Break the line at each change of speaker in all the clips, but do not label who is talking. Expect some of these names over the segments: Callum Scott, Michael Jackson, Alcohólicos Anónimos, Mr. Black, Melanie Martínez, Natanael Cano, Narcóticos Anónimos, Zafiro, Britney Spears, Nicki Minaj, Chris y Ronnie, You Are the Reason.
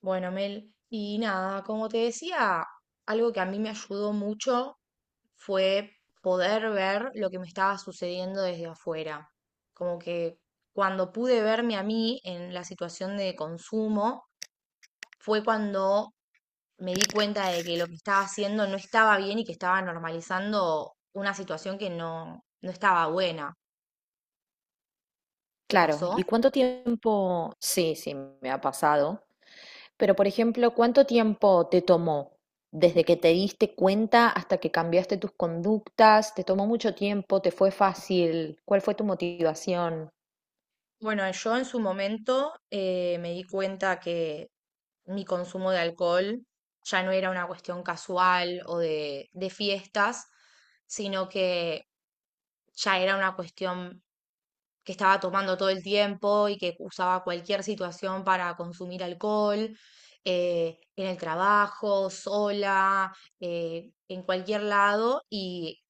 Bueno, Mel, y nada, como te decía, algo que a mí me ayudó mucho fue poder ver lo que me estaba sucediendo desde afuera. Como que cuando pude verme a mí en la situación de consumo, fue cuando me di cuenta de que lo que estaba haciendo no estaba bien y que estaba normalizando una situación que no, no estaba buena. ¿Te
Claro,
pasó?
¿y cuánto tiempo? Sí, sí, me ha pasado. Pero, por ejemplo, ¿cuánto tiempo te tomó desde que te diste cuenta hasta que cambiaste tus conductas? ¿Te tomó mucho tiempo? ¿Te fue fácil? ¿Cuál fue tu motivación?
Bueno, yo en su momento me di cuenta que mi consumo de alcohol ya no era una cuestión casual o de fiestas, sino que ya era una cuestión que estaba tomando todo el tiempo y que usaba cualquier situación para consumir alcohol, en el trabajo, sola, en cualquier lado. Y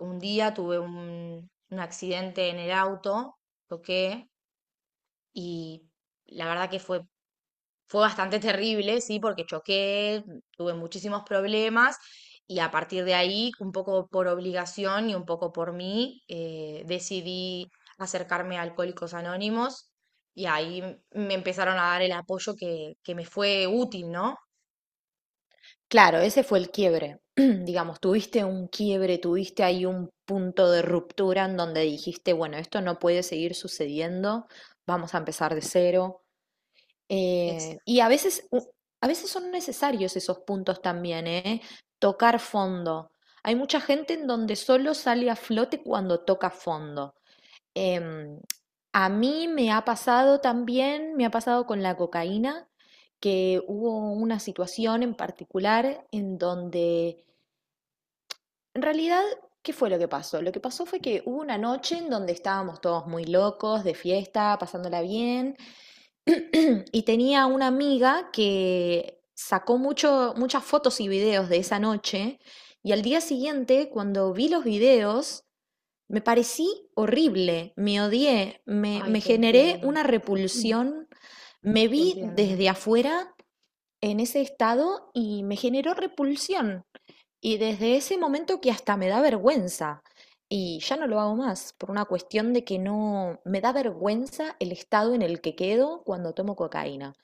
un día tuve un accidente en el auto. Choqué y la verdad que fue bastante terrible, sí, porque choqué, tuve muchísimos problemas y a partir de ahí, un poco por obligación y un poco por mí, decidí acercarme a Alcohólicos Anónimos y ahí me empezaron a dar el apoyo que me fue útil, ¿no?
Claro, ese fue el quiebre. Digamos, tuviste un quiebre, tuviste ahí un punto de ruptura en donde dijiste, bueno, esto no puede seguir sucediendo, vamos a empezar de cero.
Ex-
Y a veces, a veces son necesarios esos puntos también, ¿eh? Tocar fondo. Hay mucha gente en donde solo sale a flote cuando toca fondo. Em, a mí me ha pasado también, me ha pasado con la cocaína, que hubo una situación en particular en donde, en realidad, ¿qué fue lo que pasó? Lo que pasó fue que hubo una noche en donde estábamos todos muy locos, de fiesta, pasándola bien. Y tenía una amiga que sacó mucho, muchas fotos y videos de esa noche y al día siguiente, cuando vi los videos, me parecí horrible, me odié, me,
Ay,
me
te
generé
entiendo.
una
Mm.
repulsión, me
Te
vi
entiendo,
desde afuera en ese estado y me generó repulsión. Y desde ese momento que hasta me da vergüenza. Y ya no lo hago más, por una cuestión de que no me da vergüenza el estado en el que quedo cuando tomo cocaína.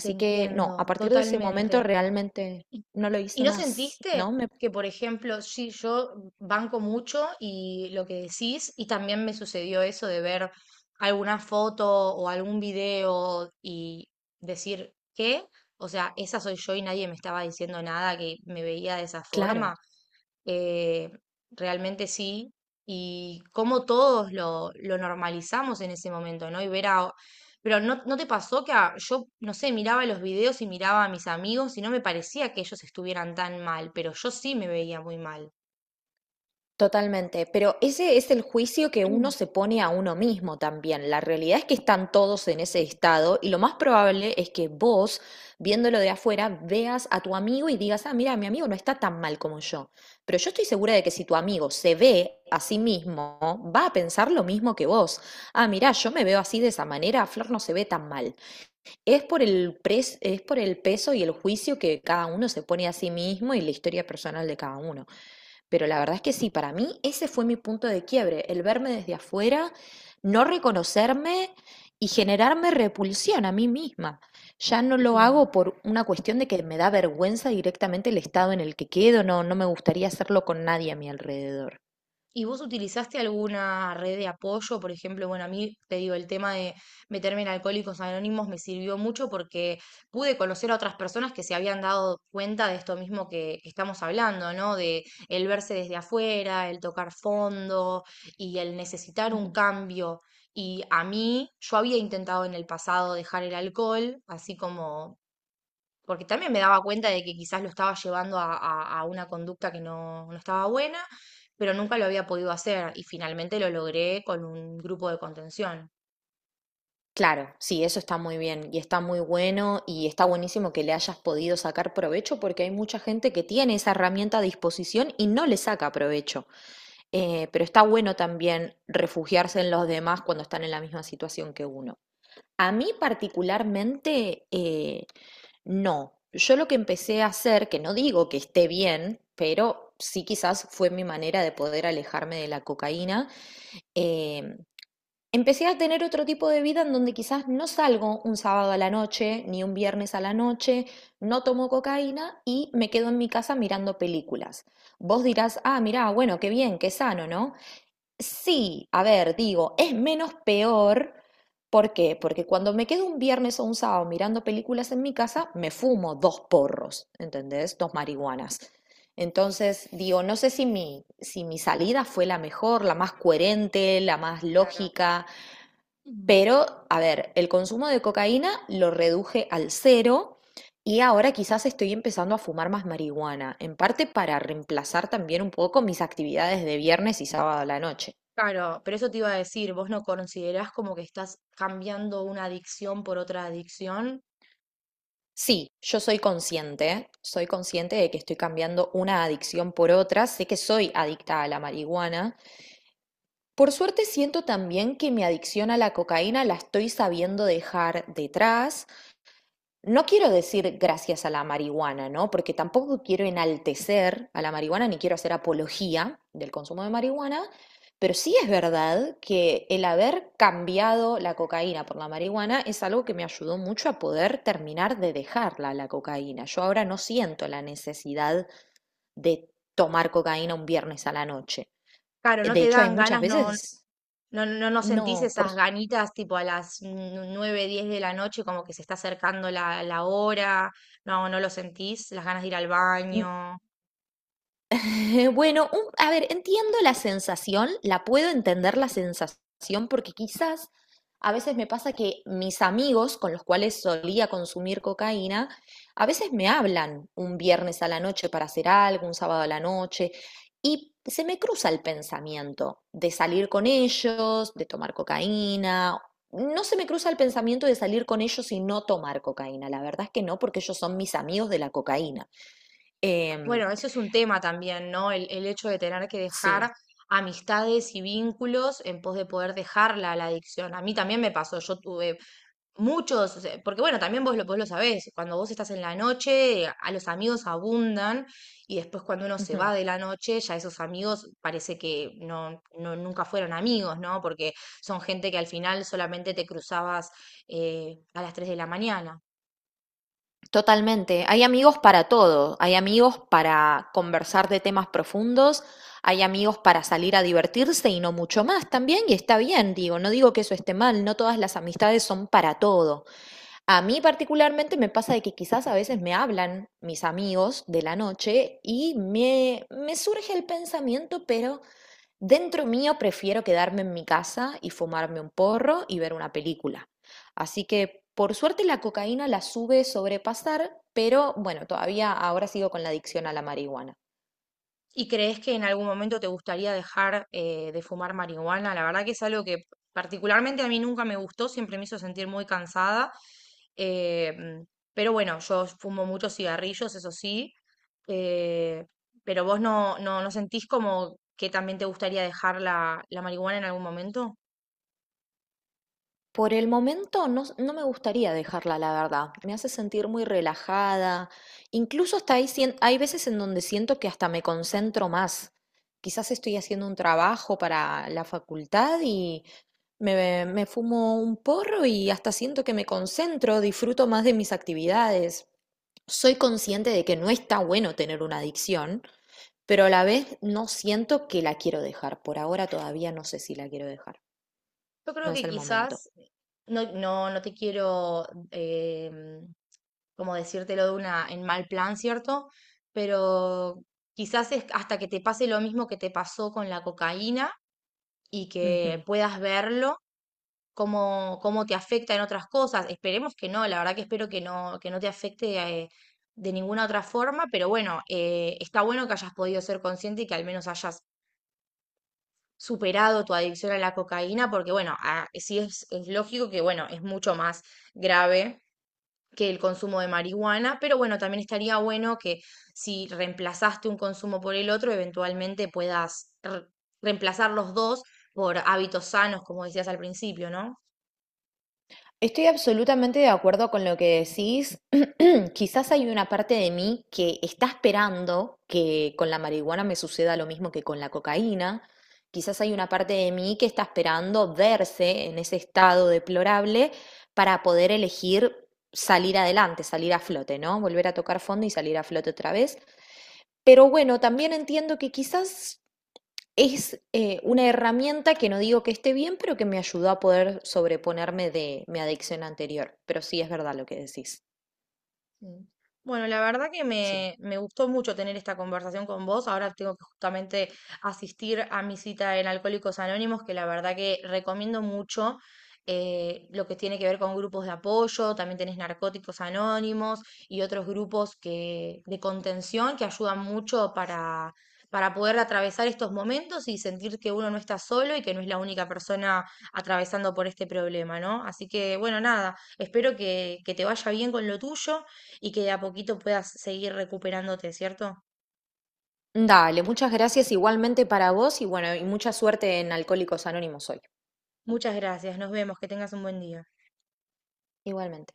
te
que no,
entiendo,
a partir de ese momento
totalmente.
realmente
¿Y
no lo
y
hice
no
más,
sentiste
¿no? Me,
que, por ejemplo? Sí, yo banco mucho y lo que decís, y también me sucedió eso de ver alguna foto o algún video y decir, ¿qué? O sea, esa soy yo y nadie me estaba diciendo nada, que me veía de esa
claro.
forma. Eh, Realmente sí. Y como todos lo normalizamos en ese momento, ¿no? Pero ¿no te pasó que yo, no sé, miraba los videos y miraba a mis amigos y no me parecía que ellos estuvieran tan mal, pero yo sí me veía muy mal?
Totalmente, pero ese es el juicio que uno se pone a uno mismo también. La realidad es que están todos en ese estado y lo más probable es que vos, viéndolo de afuera, veas a tu amigo y digas, ah, mira, mi amigo no está tan mal como yo. Pero yo estoy segura de que si tu amigo se ve a sí mismo, va a pensar lo mismo que vos. Ah, mira, yo me veo así de esa manera, Flor no se ve tan mal. Es por el es por el peso y el juicio que cada uno se pone a sí mismo y la historia personal de cada uno. Pero la verdad es que sí, para mí ese fue mi punto de quiebre, el verme desde afuera, no reconocerme y generarme repulsión a mí misma. Ya no lo
Sí.
hago por una cuestión de que me da vergüenza directamente el estado en el que quedo, no, no me gustaría hacerlo con nadie a mi alrededor.
¿Y vos utilizaste alguna red de apoyo? Por ejemplo, bueno, a mí te digo, el tema de meterme en Alcohólicos Anónimos me sirvió mucho porque pude conocer a otras personas que se habían dado cuenta de esto mismo que estamos hablando, ¿no? De el verse desde afuera, el tocar fondo y el necesitar un
Ujú.
cambio. Y a mí, yo había intentado en el pasado dejar el alcohol, así como porque también me daba cuenta de que quizás lo estaba llevando a una conducta que no, no estaba buena, pero nunca lo había podido hacer y finalmente lo logré con un grupo de contención.
Claro, sí, eso está muy bien y está muy bueno y está buenísimo que le hayas podido sacar provecho porque hay mucha gente que tiene esa herramienta a disposición y no le saca provecho. Pero está bueno también refugiarse en los demás cuando están en la misma situación que uno. A mí particularmente, no. Yo lo que empecé a hacer, que no digo que esté bien, pero sí quizás fue mi manera de poder alejarme de la cocaína, eh, empecé a tener otro tipo de vida en donde quizás no salgo un sábado a la noche, ni un viernes a la noche, no tomo cocaína y me quedo en mi casa mirando películas. Vos dirás, ah, mirá, bueno, qué bien, qué sano, ¿no? Sí, a ver, digo, es menos peor. ¿Por qué? Porque cuando me quedo un viernes o un sábado mirando películas en mi casa, me fumo dos porros, ¿entendés? Dos marihuanas. Entonces, digo, no sé si mi salida fue la mejor, la más coherente, la más
Claro.
lógica,
Mm.
pero, a ver, el consumo de cocaína lo reduje al cero y ahora quizás estoy empezando a fumar más marihuana, en parte para reemplazar también un poco mis actividades de viernes y sábado a la noche.
Claro, pero eso te iba a decir, ¿vos no considerás como que estás cambiando una adicción por otra adicción?
Sí, yo soy consciente de que estoy cambiando una adicción por otra, sé que soy adicta a la marihuana. Por suerte siento también que mi adicción a la cocaína la estoy sabiendo dejar detrás. No quiero decir gracias a la marihuana, ¿no? Porque tampoco quiero enaltecer a la marihuana ni quiero hacer apología del consumo de marihuana, pero sí es verdad que el haber cambiado la cocaína por la marihuana es algo que me ayudó mucho a poder terminar de dejarla, la cocaína. Yo ahora no siento la necesidad de tomar cocaína un viernes a la noche.
Claro, no
De
te
hecho, hay
dan
muchas
ganas. No,
veces,
no, no, no sentís
no, por,
esas ganitas tipo a las 9, 10 de la noche, como que se está acercando la hora. No, no lo sentís, las ganas de ir al baño.
bueno, a ver, entiendo la sensación, la puedo entender la sensación porque quizás a veces me pasa que mis amigos con los cuales solía consumir cocaína, a veces me hablan un viernes a la noche para hacer algo, un sábado a la noche, y se me cruza el pensamiento de salir con ellos, de tomar cocaína. No se me cruza el pensamiento de salir con ellos y no tomar cocaína. La verdad es que no, porque ellos son mis amigos de la cocaína. Em,
Bueno, eso es un tema también, ¿no? El hecho de tener que
sí.
dejar amistades y vínculos en pos de poder dejarla la adicción. A mí también me pasó. Yo tuve muchos, o sea, porque bueno, también vos lo sabés, cuando vos estás en la noche, a los amigos abundan, y después cuando uno se
Ujú.
va de la noche, ya esos amigos parece que no nunca fueron amigos, ¿no? Porque son gente que al final solamente te cruzabas a las 3 de la mañana.
Totalmente. Hay amigos para todo. Hay amigos para conversar de temas profundos. Hay amigos para salir a divertirse y no mucho más también. Y está bien, digo, no digo que eso esté mal. No todas las amistades son para todo. A mí particularmente me pasa de que quizás a veces me hablan mis amigos de la noche y me surge el pensamiento, pero... Dentro mío prefiero quedarme en mi casa y fumarme un porro y ver una película. Así que por suerte la cocaína la sube sobrepasar, pero bueno, todavía ahora sigo con la adicción a la marihuana.
¿Y crees que en algún momento te gustaría dejar de fumar marihuana? La verdad que es algo que particularmente a mí nunca me gustó, siempre me hizo sentir muy cansada. eh, mm, pero bueno, yo fumo muchos cigarrillos, eso sí. eh, pero vos no sentís como que también te gustaría dejar la marihuana en algún momento?
Por el momento no, no me gustaría dejarla, la verdad. Me hace sentir muy relajada. Incluso hasta ahí hay veces en donde siento que hasta me concentro más. Quizás estoy haciendo un trabajo para la facultad y, me fumo un porro y hasta siento que me concentro, disfruto más de mis actividades. Soy consciente de que no está bueno tener una adicción, pero a la vez no siento que la quiero dejar. Por ahora todavía no sé si la quiero dejar.
Yo
No
creo
es
que
el momento.
quizás, no te quiero, eh, como decírtelo de una, en mal plan, ¿cierto? Pero quizás es hasta que te pase lo mismo que te pasó con la cocaína y que
Ujú.
puedas verlo, cómo te afecta en otras cosas. Esperemos que no, la verdad que espero que no te afecte de ninguna otra forma. Pero bueno, está bueno que hayas podido ser consciente y que al menos hayas superado tu adicción a la cocaína, porque bueno, sí es lógico que, bueno, es mucho más grave que el consumo de marihuana. Pero bueno, también estaría bueno que, si reemplazaste un consumo por el otro, eventualmente puedas reemplazar los dos por hábitos sanos, como decías al principio, ¿no?
Estoy absolutamente de acuerdo con lo que decís. Quizás hay una parte de mí que está esperando que con la marihuana me suceda lo mismo que con la cocaína. Quizás hay una parte de mí que está esperando verse en ese estado deplorable para poder elegir salir adelante, salir a flote, ¿no? Volver a tocar fondo y salir a flote otra vez. Pero bueno, también entiendo que quizás es una herramienta que no digo que esté bien, pero que me ayudó a poder sobreponerme de mi adicción anterior. Pero sí es verdad lo que decís.
Sí. Bueno, la verdad que
Sí.
me gustó mucho tener esta conversación con vos. Ahora tengo que justamente asistir a mi cita en Alcohólicos Anónimos, que la verdad que recomiendo mucho lo que tiene que ver con grupos de apoyo. También tenés Narcóticos Anónimos y otros grupos, que de contención, que ayudan mucho para poder atravesar estos momentos y sentir que uno no está solo y que no es la única persona atravesando por este problema, ¿no? Así que, bueno, nada, espero que te vaya bien con lo tuyo y que de a poquito puedas seguir recuperándote, ¿cierto?
Dale, muchas gracias igualmente para vos y bueno, y mucha suerte en Alcohólicos Anónimos hoy.
Muchas gracias, nos vemos, que tengas un buen día.
Igualmente.